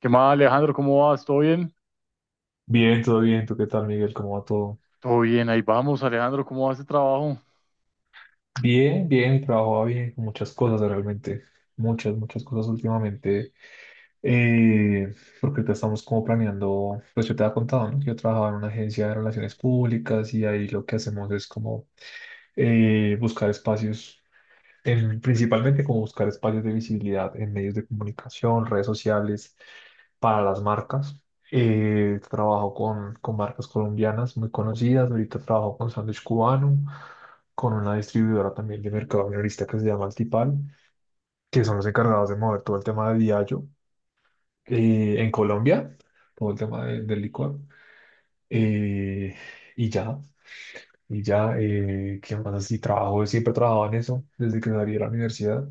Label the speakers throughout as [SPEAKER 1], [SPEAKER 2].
[SPEAKER 1] ¿Qué más, Alejandro? ¿Cómo vas? ¿Todo bien?
[SPEAKER 2] Bien, todo bien. ¿Tú qué tal, Miguel? ¿Cómo va todo?
[SPEAKER 1] Todo bien, ahí vamos, Alejandro. ¿Cómo va ese trabajo?
[SPEAKER 2] Bien, bien, trabajo bien, con muchas cosas realmente, muchas, muchas cosas últimamente, eh, porque ahorita estamos como planeando, pues yo te había contado, ¿no? Que yo trabajaba en una agencia de relaciones públicas y ahí lo que hacemos es como buscar espacios, principalmente como buscar espacios de visibilidad en medios de comunicación, redes sociales, para las marcas. Trabajo con marcas colombianas muy conocidas. Ahorita trabajo con Sándwich Cubano, con una distribuidora también de mercado minorista que se llama Altipal, que son los encargados de mover todo el tema de Diageo
[SPEAKER 1] ¿Qué-
[SPEAKER 2] en Colombia, todo el tema del licor. Eh, y ya, y ya, ¿qué más así? Trabajo, siempre trabajaba en eso, desde que salí de la universidad,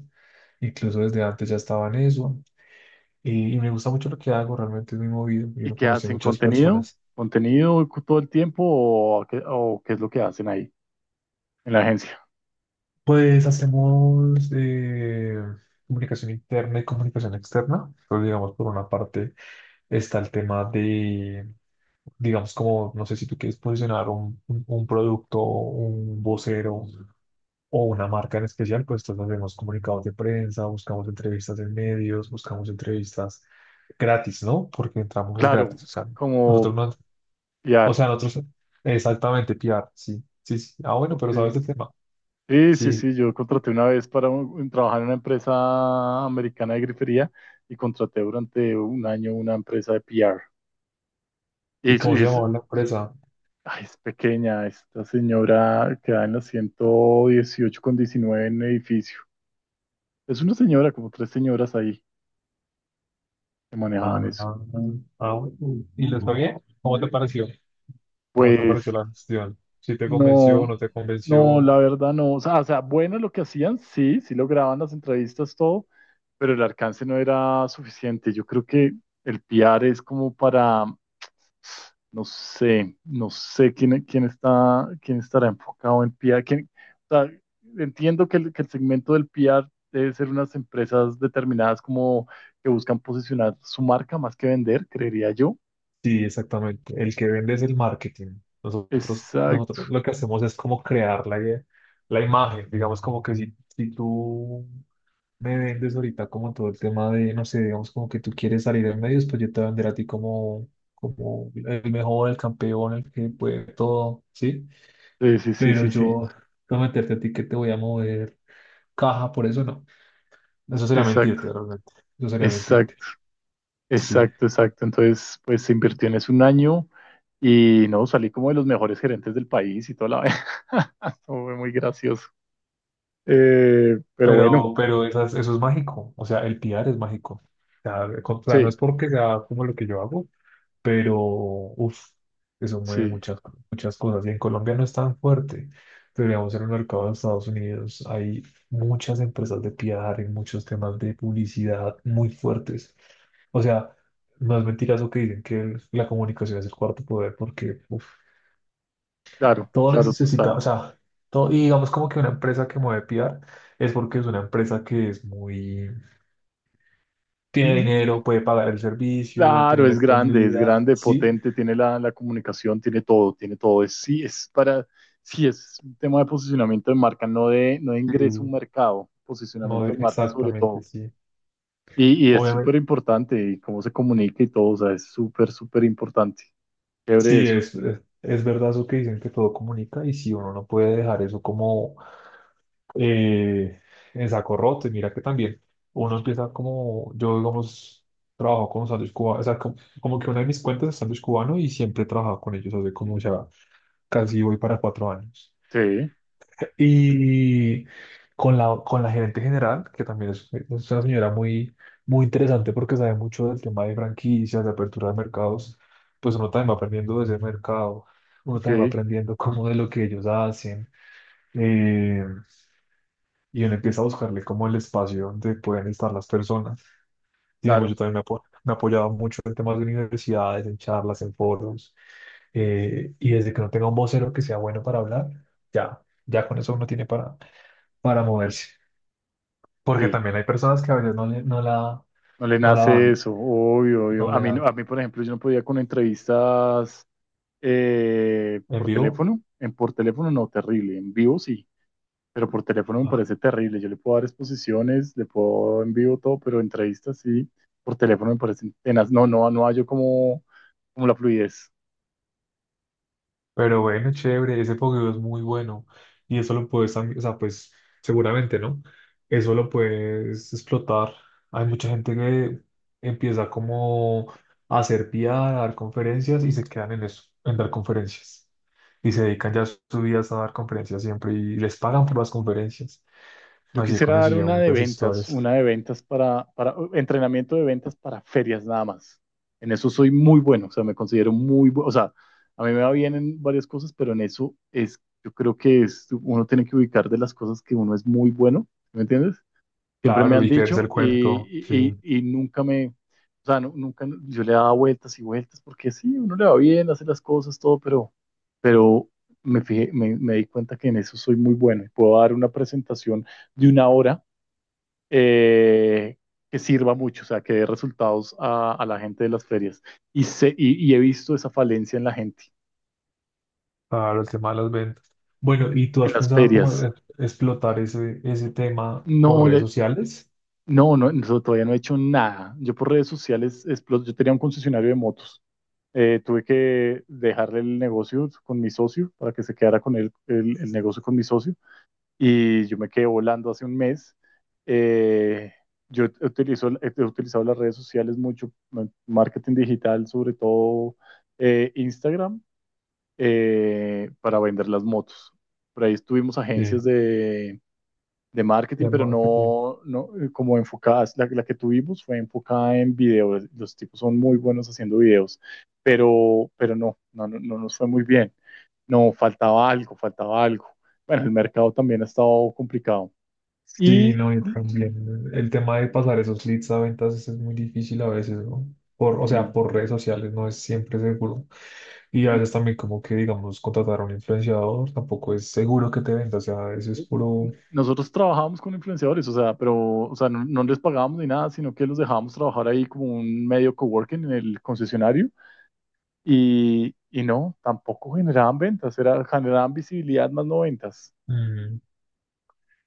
[SPEAKER 2] incluso desde antes ya estaba en eso. Y me gusta mucho lo que hago, realmente es muy movido, yo
[SPEAKER 1] ¿Y
[SPEAKER 2] no
[SPEAKER 1] qué
[SPEAKER 2] conocí
[SPEAKER 1] hacen?
[SPEAKER 2] muchas
[SPEAKER 1] ¿Contenido?
[SPEAKER 2] personas.
[SPEAKER 1] ¿Todo el tiempo o qué es lo que hacen ahí en la agencia?
[SPEAKER 2] Pues hacemos comunicación interna y comunicación externa. Pues digamos, por una parte está el tema de, digamos, como, no sé si tú quieres posicionar un producto, un vocero, o una marca en especial, pues entonces hacemos comunicados de prensa, buscamos entrevistas en medios, buscamos entrevistas gratis, ¿no? Porque entramos es
[SPEAKER 1] Claro,
[SPEAKER 2] gratis, o sea,
[SPEAKER 1] como
[SPEAKER 2] nosotros no, o
[SPEAKER 1] PR.
[SPEAKER 2] sea, nosotros, exactamente, PR, sí, sí, sí, ah, bueno,
[SPEAKER 1] Ok.
[SPEAKER 2] pero sabes el tema,
[SPEAKER 1] Sí, sí,
[SPEAKER 2] sí,
[SPEAKER 1] sí, yo contraté una vez para trabajar en una empresa americana de grifería y contraté durante un año una empresa de PR. Y
[SPEAKER 2] ¿y
[SPEAKER 1] es, y
[SPEAKER 2] cómo se
[SPEAKER 1] es-
[SPEAKER 2] llamaba la empresa?
[SPEAKER 1] Ay, es pequeña, esta señora queda en la 118 con 19 en el edificio. Es una señora, como tres señoras ahí que
[SPEAKER 2] Ah,
[SPEAKER 1] manejaban eso.
[SPEAKER 2] ah, ah, bueno. ¿Y les pagué? ¿Cómo te pareció? ¿Cómo te
[SPEAKER 1] Pues
[SPEAKER 2] pareció la gestión? ¿Si te convenció o
[SPEAKER 1] no,
[SPEAKER 2] no te
[SPEAKER 1] no,
[SPEAKER 2] convenció?
[SPEAKER 1] la verdad no. O sea, bueno lo que hacían, sí, sí lograban las entrevistas, todo, pero el alcance no era suficiente. Yo creo que el PR es como para, no sé, quién, quién estará enfocado en PR. O sea, entiendo que el segmento del PR debe ser unas empresas determinadas como que buscan posicionar su marca más que vender, creería yo.
[SPEAKER 2] Sí, exactamente. El que vende es el marketing. Nosotros
[SPEAKER 1] Exacto.
[SPEAKER 2] lo que hacemos es como crear la, la imagen. Digamos como que si, si tú me vendes ahorita como todo el tema de, no sé, digamos como que tú quieres salir en medios, pues yo te voy a vender a ti como, como el mejor, el campeón, el que puede todo, ¿sí?
[SPEAKER 1] Sí, sí, sí,
[SPEAKER 2] Pero
[SPEAKER 1] sí, sí.
[SPEAKER 2] yo prometerte a ti que te voy a mover caja, por eso no. Eso sería
[SPEAKER 1] Exacto,
[SPEAKER 2] mentirte, realmente. Eso sería mentirte.
[SPEAKER 1] exacto,
[SPEAKER 2] Sí.
[SPEAKER 1] exacto, exacto. Entonces, pues se invirtió en eso un año y no, salí como de los mejores gerentes del país y toda la vaina. Eso fue muy gracioso. Pero bueno,
[SPEAKER 2] Pero eso es mágico, o sea, el PR es mágico. O sea, o sea, no es
[SPEAKER 1] sí,
[SPEAKER 2] porque sea como lo que yo hago, pero uff, eso mueve
[SPEAKER 1] sí,
[SPEAKER 2] muchas, muchas cosas. Y en Colombia no es tan fuerte, pero digamos en el mercado de Estados Unidos hay muchas empresas de PR y muchos temas de publicidad muy fuertes. O sea, no es mentira eso que dicen que la comunicación es el cuarto poder, porque uf,
[SPEAKER 1] claro,
[SPEAKER 2] todo
[SPEAKER 1] claro,
[SPEAKER 2] necesita, o
[SPEAKER 1] total.
[SPEAKER 2] sea, todo, y digamos como que una empresa que mueve PR es porque es una empresa que es muy, tiene
[SPEAKER 1] Mm,
[SPEAKER 2] dinero, puede pagar el servicio,
[SPEAKER 1] claro,
[SPEAKER 2] tiene la
[SPEAKER 1] es
[SPEAKER 2] disponibilidad,
[SPEAKER 1] grande,
[SPEAKER 2] sí,
[SPEAKER 1] potente, tiene la comunicación, tiene todo, tiene todo. Es, sí, es para, sí, es un tema de posicionamiento de marca, no de, no de ingreso a un
[SPEAKER 2] sí,
[SPEAKER 1] mercado, posicionamiento de marca sobre
[SPEAKER 2] exactamente,
[SPEAKER 1] todo.
[SPEAKER 2] sí.
[SPEAKER 1] Y es
[SPEAKER 2] Obviamente,
[SPEAKER 1] súper importante y cómo se comunica y todo, o sea, es súper, súper importante. Chévere
[SPEAKER 2] sí,
[SPEAKER 1] eso.
[SPEAKER 2] es verdad eso que dicen que todo comunica y si uno no puede dejar eso como eh, en saco roto, y mira que también uno empieza como, yo digamos, trabajo con sándwich cubano, o sea, como, como que una de mis cuentas es sándwich cubano y siempre he trabajado con ellos hace como ya casi voy para 4 años.
[SPEAKER 1] Sí,
[SPEAKER 2] Y con la gerente general, que también es una señora muy, muy interesante porque sabe mucho del tema de franquicias, de apertura de mercados, pues uno también va aprendiendo de ese mercado, uno
[SPEAKER 1] ok,
[SPEAKER 2] también va aprendiendo como de lo que ellos hacen, eh, y uno empieza a buscarle como el espacio donde pueden estar las personas. Digamos, yo
[SPEAKER 1] claro,
[SPEAKER 2] también me, me he apoyado mucho en temas de universidades, en charlas, en foros y desde que no tenga un vocero que sea bueno para hablar, ya, ya con eso uno tiene para moverse. Porque
[SPEAKER 1] sí.
[SPEAKER 2] también hay personas que a veces no, no la,
[SPEAKER 1] No le
[SPEAKER 2] no la
[SPEAKER 1] nace
[SPEAKER 2] dan,
[SPEAKER 1] eso, obvio, obvio.
[SPEAKER 2] no
[SPEAKER 1] A
[SPEAKER 2] le
[SPEAKER 1] mí, no-
[SPEAKER 2] dan.
[SPEAKER 1] a mí, por ejemplo, yo no podía con entrevistas
[SPEAKER 2] En
[SPEAKER 1] por
[SPEAKER 2] vivo,
[SPEAKER 1] teléfono. En por teléfono no, terrible. En vivo sí, pero por teléfono me
[SPEAKER 2] ah,
[SPEAKER 1] parece terrible. Yo le puedo dar exposiciones, le puedo en vivo todo, pero entrevistas sí. Por teléfono me parecen tenaz. No, no, no hallo como, como la fluidez.
[SPEAKER 2] pero bueno, chévere, ese fogueo es muy bueno y eso lo puedes, o sea, pues seguramente, ¿no? Eso lo puedes explotar. Hay mucha gente que empieza como a hacer PR, a dar conferencias y se quedan en eso, en dar conferencias. Y se dedican ya sus vidas a dar conferencias siempre y les pagan por las conferencias.
[SPEAKER 1] Yo
[SPEAKER 2] Así he
[SPEAKER 1] quisiera dar
[SPEAKER 2] conocido muchas historias.
[SPEAKER 1] una de ventas para entrenamiento de ventas para ferias nada más. En eso soy muy bueno, o sea, me considero muy bueno, o sea, a mí me va bien en varias cosas, pero en eso es, yo creo que es, uno tiene que ubicar de las cosas que uno es muy bueno, ¿sí? ¿Me entiendes? Siempre me
[SPEAKER 2] Claro,
[SPEAKER 1] han
[SPEAKER 2] y creerse el
[SPEAKER 1] dicho
[SPEAKER 2] cuento, sí.
[SPEAKER 1] y nunca me, o sea, nunca yo le daba vueltas y vueltas porque sí, uno le va bien, hace las cosas, todo, pero me fijé, me di cuenta que en eso soy muy bueno y puedo dar una presentación de una hora eh, que sirva mucho, o sea, que dé resultados a la gente de las ferias. Y, y he visto esa falencia en la gente,
[SPEAKER 2] Claro, el tema de las ventas. Bueno, ¿y tú
[SPEAKER 1] en
[SPEAKER 2] has
[SPEAKER 1] las
[SPEAKER 2] pensado cómo
[SPEAKER 1] ferias.
[SPEAKER 2] explotar ese, ese tema por
[SPEAKER 1] No,
[SPEAKER 2] redes
[SPEAKER 1] le,
[SPEAKER 2] sociales?
[SPEAKER 1] no, no, no, todavía no he hecho nada. Yo por redes sociales, yo tenía un concesionario de motos. Tuve que dejarle el negocio con mi socio para que se quedara con él, el negocio con mi socio. Y yo me quedé volando hace un mes. Eh, yo utilizo, he utilizado las redes sociales mucho, marketing digital, sobre todo Instagram, para vender las motos. Por ahí estuvimos
[SPEAKER 2] Sí.
[SPEAKER 1] agencias de marketing,
[SPEAKER 2] Ya
[SPEAKER 1] pero
[SPEAKER 2] marketing.
[SPEAKER 1] no, no como enfocadas. La, que tuvimos fue enfocada en videos. Los tipos son muy buenos haciendo videos, pero no, no nos fue muy bien. No, faltaba algo, faltaba algo. Bueno, el mercado también ha estado complicado.
[SPEAKER 2] Sí,
[SPEAKER 1] Y,
[SPEAKER 2] no, y también el tema de pasar esos leads a ventas es muy difícil a veces, ¿no? Por, o sea,
[SPEAKER 1] y,
[SPEAKER 2] por redes sociales no es siempre seguro. Y a
[SPEAKER 1] y
[SPEAKER 2] veces también como que, digamos, contratar a un influenciador tampoco es seguro que te venda, o sea, eso es
[SPEAKER 1] eh,
[SPEAKER 2] puro...
[SPEAKER 1] nosotros trabajábamos con influenciadores, o sea, pero o sea, no, no les pagábamos ni nada, sino que los dejábamos trabajar ahí como un medio coworking en el concesionario. Y no, tampoco generaban ventas, era, generaban visibilidad más no ventas.
[SPEAKER 2] Mm,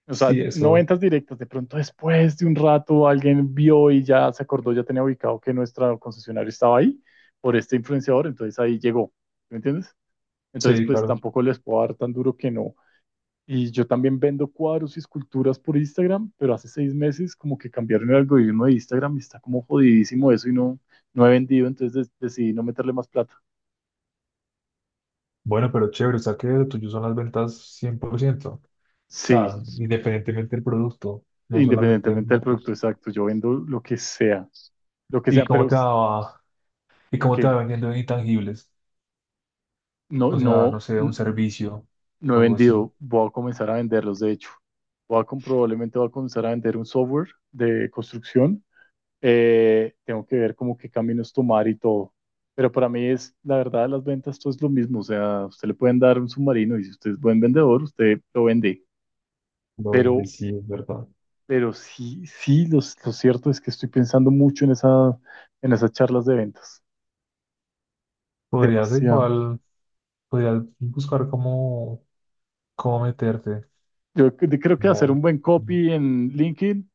[SPEAKER 1] O sea,
[SPEAKER 2] sí,
[SPEAKER 1] no
[SPEAKER 2] eso.
[SPEAKER 1] ventas directas. De pronto, después de un rato, alguien vio y ya se acordó, ya tenía ubicado que nuestro concesionario estaba ahí por este influenciador, entonces ahí llegó. ¿Me entiendes? Entonces,
[SPEAKER 2] Sí,
[SPEAKER 1] pues
[SPEAKER 2] claro.
[SPEAKER 1] tampoco les puedo dar tan duro que no. Y yo también vendo cuadros y esculturas por Instagram, pero hace 6 meses como que cambiaron el algoritmo de Instagram y está como jodidísimo eso y no, no he vendido, entonces decidí no meterle más plata.
[SPEAKER 2] Bueno, pero chévere, o sea que lo tuyo son las ventas 100%. O
[SPEAKER 1] Sí,
[SPEAKER 2] sea, independientemente del producto, no solamente
[SPEAKER 1] independientemente del producto
[SPEAKER 2] motos.
[SPEAKER 1] exacto, yo vendo lo que
[SPEAKER 2] ¿Y
[SPEAKER 1] sea,
[SPEAKER 2] cómo te va, y
[SPEAKER 1] en
[SPEAKER 2] cómo te
[SPEAKER 1] que
[SPEAKER 2] va vendiendo en intangibles?
[SPEAKER 1] no,
[SPEAKER 2] O sea, no
[SPEAKER 1] no,
[SPEAKER 2] sé, un servicio
[SPEAKER 1] no he
[SPEAKER 2] o algo así.
[SPEAKER 1] vendido, voy a comenzar a venderlos, de hecho. Probablemente voy a comenzar a vender un software de construcción. Tengo que ver como qué caminos tomar y todo. Pero para mí es, la verdad, las ventas, todo es lo mismo. O sea, usted le pueden dar un submarino y si usted es buen vendedor, usted lo vende.
[SPEAKER 2] Lo
[SPEAKER 1] Pero,
[SPEAKER 2] vendes, sí, es verdad.
[SPEAKER 1] pero sí, sí, lo cierto es que estoy pensando mucho en esa, en esas charlas de ventas.
[SPEAKER 2] Podrías
[SPEAKER 1] Demasiado.
[SPEAKER 2] igual, podrías buscar cómo, cómo meterte.
[SPEAKER 1] Yo creo que hacer
[SPEAKER 2] Como,
[SPEAKER 1] un buen copy en LinkedIn,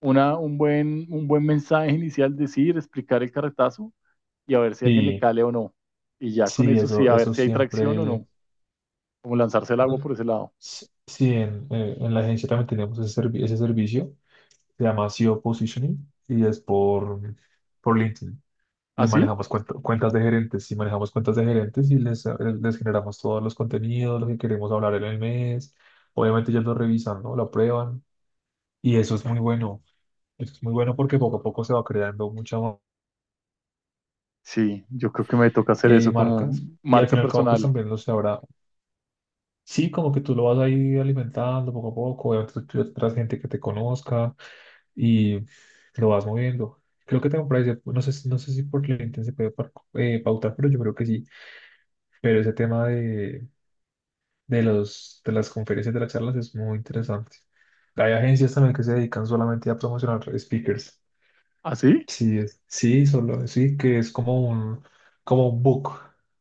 [SPEAKER 1] un buen mensaje inicial, decir, explicar el carretazo y a ver si alguien le
[SPEAKER 2] y
[SPEAKER 1] cale o no. Y ya con
[SPEAKER 2] sí,
[SPEAKER 1] eso sí,
[SPEAKER 2] eso,
[SPEAKER 1] a ver
[SPEAKER 2] eso
[SPEAKER 1] si hay tracción o
[SPEAKER 2] siempre.
[SPEAKER 1] no. Como lanzarse el
[SPEAKER 2] No,
[SPEAKER 1] agua por ese lado.
[SPEAKER 2] sí, sí, en la agencia también tenemos ese, ese servicio. Se llama SEO Positioning y es por LinkedIn. Y
[SPEAKER 1] ¿Así? Sí,
[SPEAKER 2] manejamos cuentas de gerentes. Y manejamos cuentas de gerentes y les, les generamos todos los contenidos, lo que queremos hablar en el mes. Obviamente ellos lo revisan, ¿no? Lo aprueban. Y eso es muy bueno. Eso es muy bueno porque poco a poco se va creando muchas
[SPEAKER 1] sí, yo creo que me toca hacer eso como
[SPEAKER 2] marcas. Y al
[SPEAKER 1] marca
[SPEAKER 2] fin y al cabo, pues
[SPEAKER 1] personal.
[SPEAKER 2] también lo se habrá. Sí, como que tú lo vas ahí alimentando poco a poco. Obviamente tú tendrás gente que te conozca y lo vas moviendo. Creo que tengo por ahí, no sé, no sé si por LinkedIn se puede pautar, pero yo creo que sí. Pero ese tema de los, de las conferencias, de las charlas, es muy interesante. Hay agencias también que se dedican solamente a promocionar speakers.
[SPEAKER 1] ¿Así?
[SPEAKER 2] Sí, es, sí, solo, sí, que es como un book.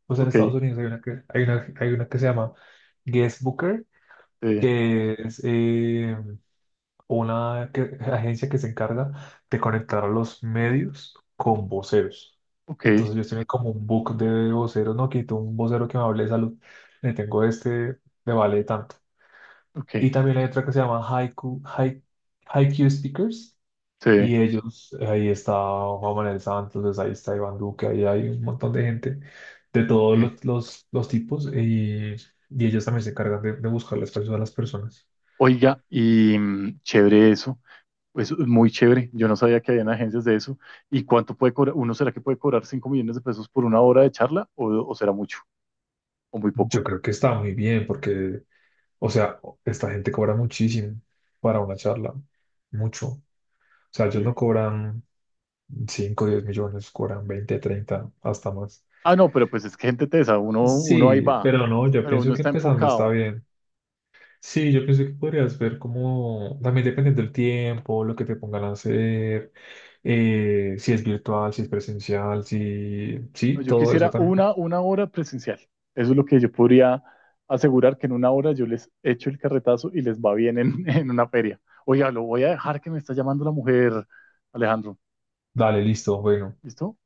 [SPEAKER 2] Pues en
[SPEAKER 1] Ok,
[SPEAKER 2] Estados Unidos hay una que se llama Guest Booker,
[SPEAKER 1] sí,
[SPEAKER 2] que es una agencia que se encarga de conectar a los medios con voceros.
[SPEAKER 1] ok,
[SPEAKER 2] Entonces yo estoy como un book de voceros, no quito un vocero que me hable de salud, le tengo este, le vale tanto.
[SPEAKER 1] ok,
[SPEAKER 2] Y también hay otra que se llama Haiku, Haiku Speakers.
[SPEAKER 1] sí.
[SPEAKER 2] Y ellos, ahí está Juan Manuel Santos, pues ahí está Iván Duque, ahí hay un montón de gente de todos
[SPEAKER 1] Ok.
[SPEAKER 2] los tipos. Y ellos también se encargan de buscar las personas a las personas.
[SPEAKER 1] Oiga, y mm, chévere eso. Eso es muy chévere. Yo no sabía que habían agencias de eso. ¿Y cuánto puede cobrar? ¿Uno será que puede cobrar 5 millones de pesos por una hora de charla? O será mucho? ¿O muy poco?
[SPEAKER 2] Yo creo que está muy bien porque, o sea, esta gente cobra muchísimo para una charla, mucho. O sea, ellos no
[SPEAKER 1] Sí.
[SPEAKER 2] cobran 5 o 10 millones, cobran 20-30 hasta más.
[SPEAKER 1] Ah, no, pero pues es que gente tesa. Uno, uno ahí
[SPEAKER 2] Sí,
[SPEAKER 1] va.
[SPEAKER 2] pero no, yo
[SPEAKER 1] Pero uno
[SPEAKER 2] pienso que
[SPEAKER 1] está
[SPEAKER 2] empezando está
[SPEAKER 1] enfocado.
[SPEAKER 2] bien. Sí, yo pienso que podrías ver como, también dependiendo del tiempo, lo que te pongan a hacer, si es virtual, si es presencial, si,
[SPEAKER 1] No,
[SPEAKER 2] sí,
[SPEAKER 1] yo
[SPEAKER 2] todo eso
[SPEAKER 1] quisiera
[SPEAKER 2] también.
[SPEAKER 1] una hora presencial. Eso es lo que yo podría asegurar que en una hora yo les echo el carretazo y les va bien en, en una feria. Oiga, lo voy a dejar que me está llamando la mujer, Alejandro.
[SPEAKER 2] Dale, listo, bueno.
[SPEAKER 1] ¿Listo?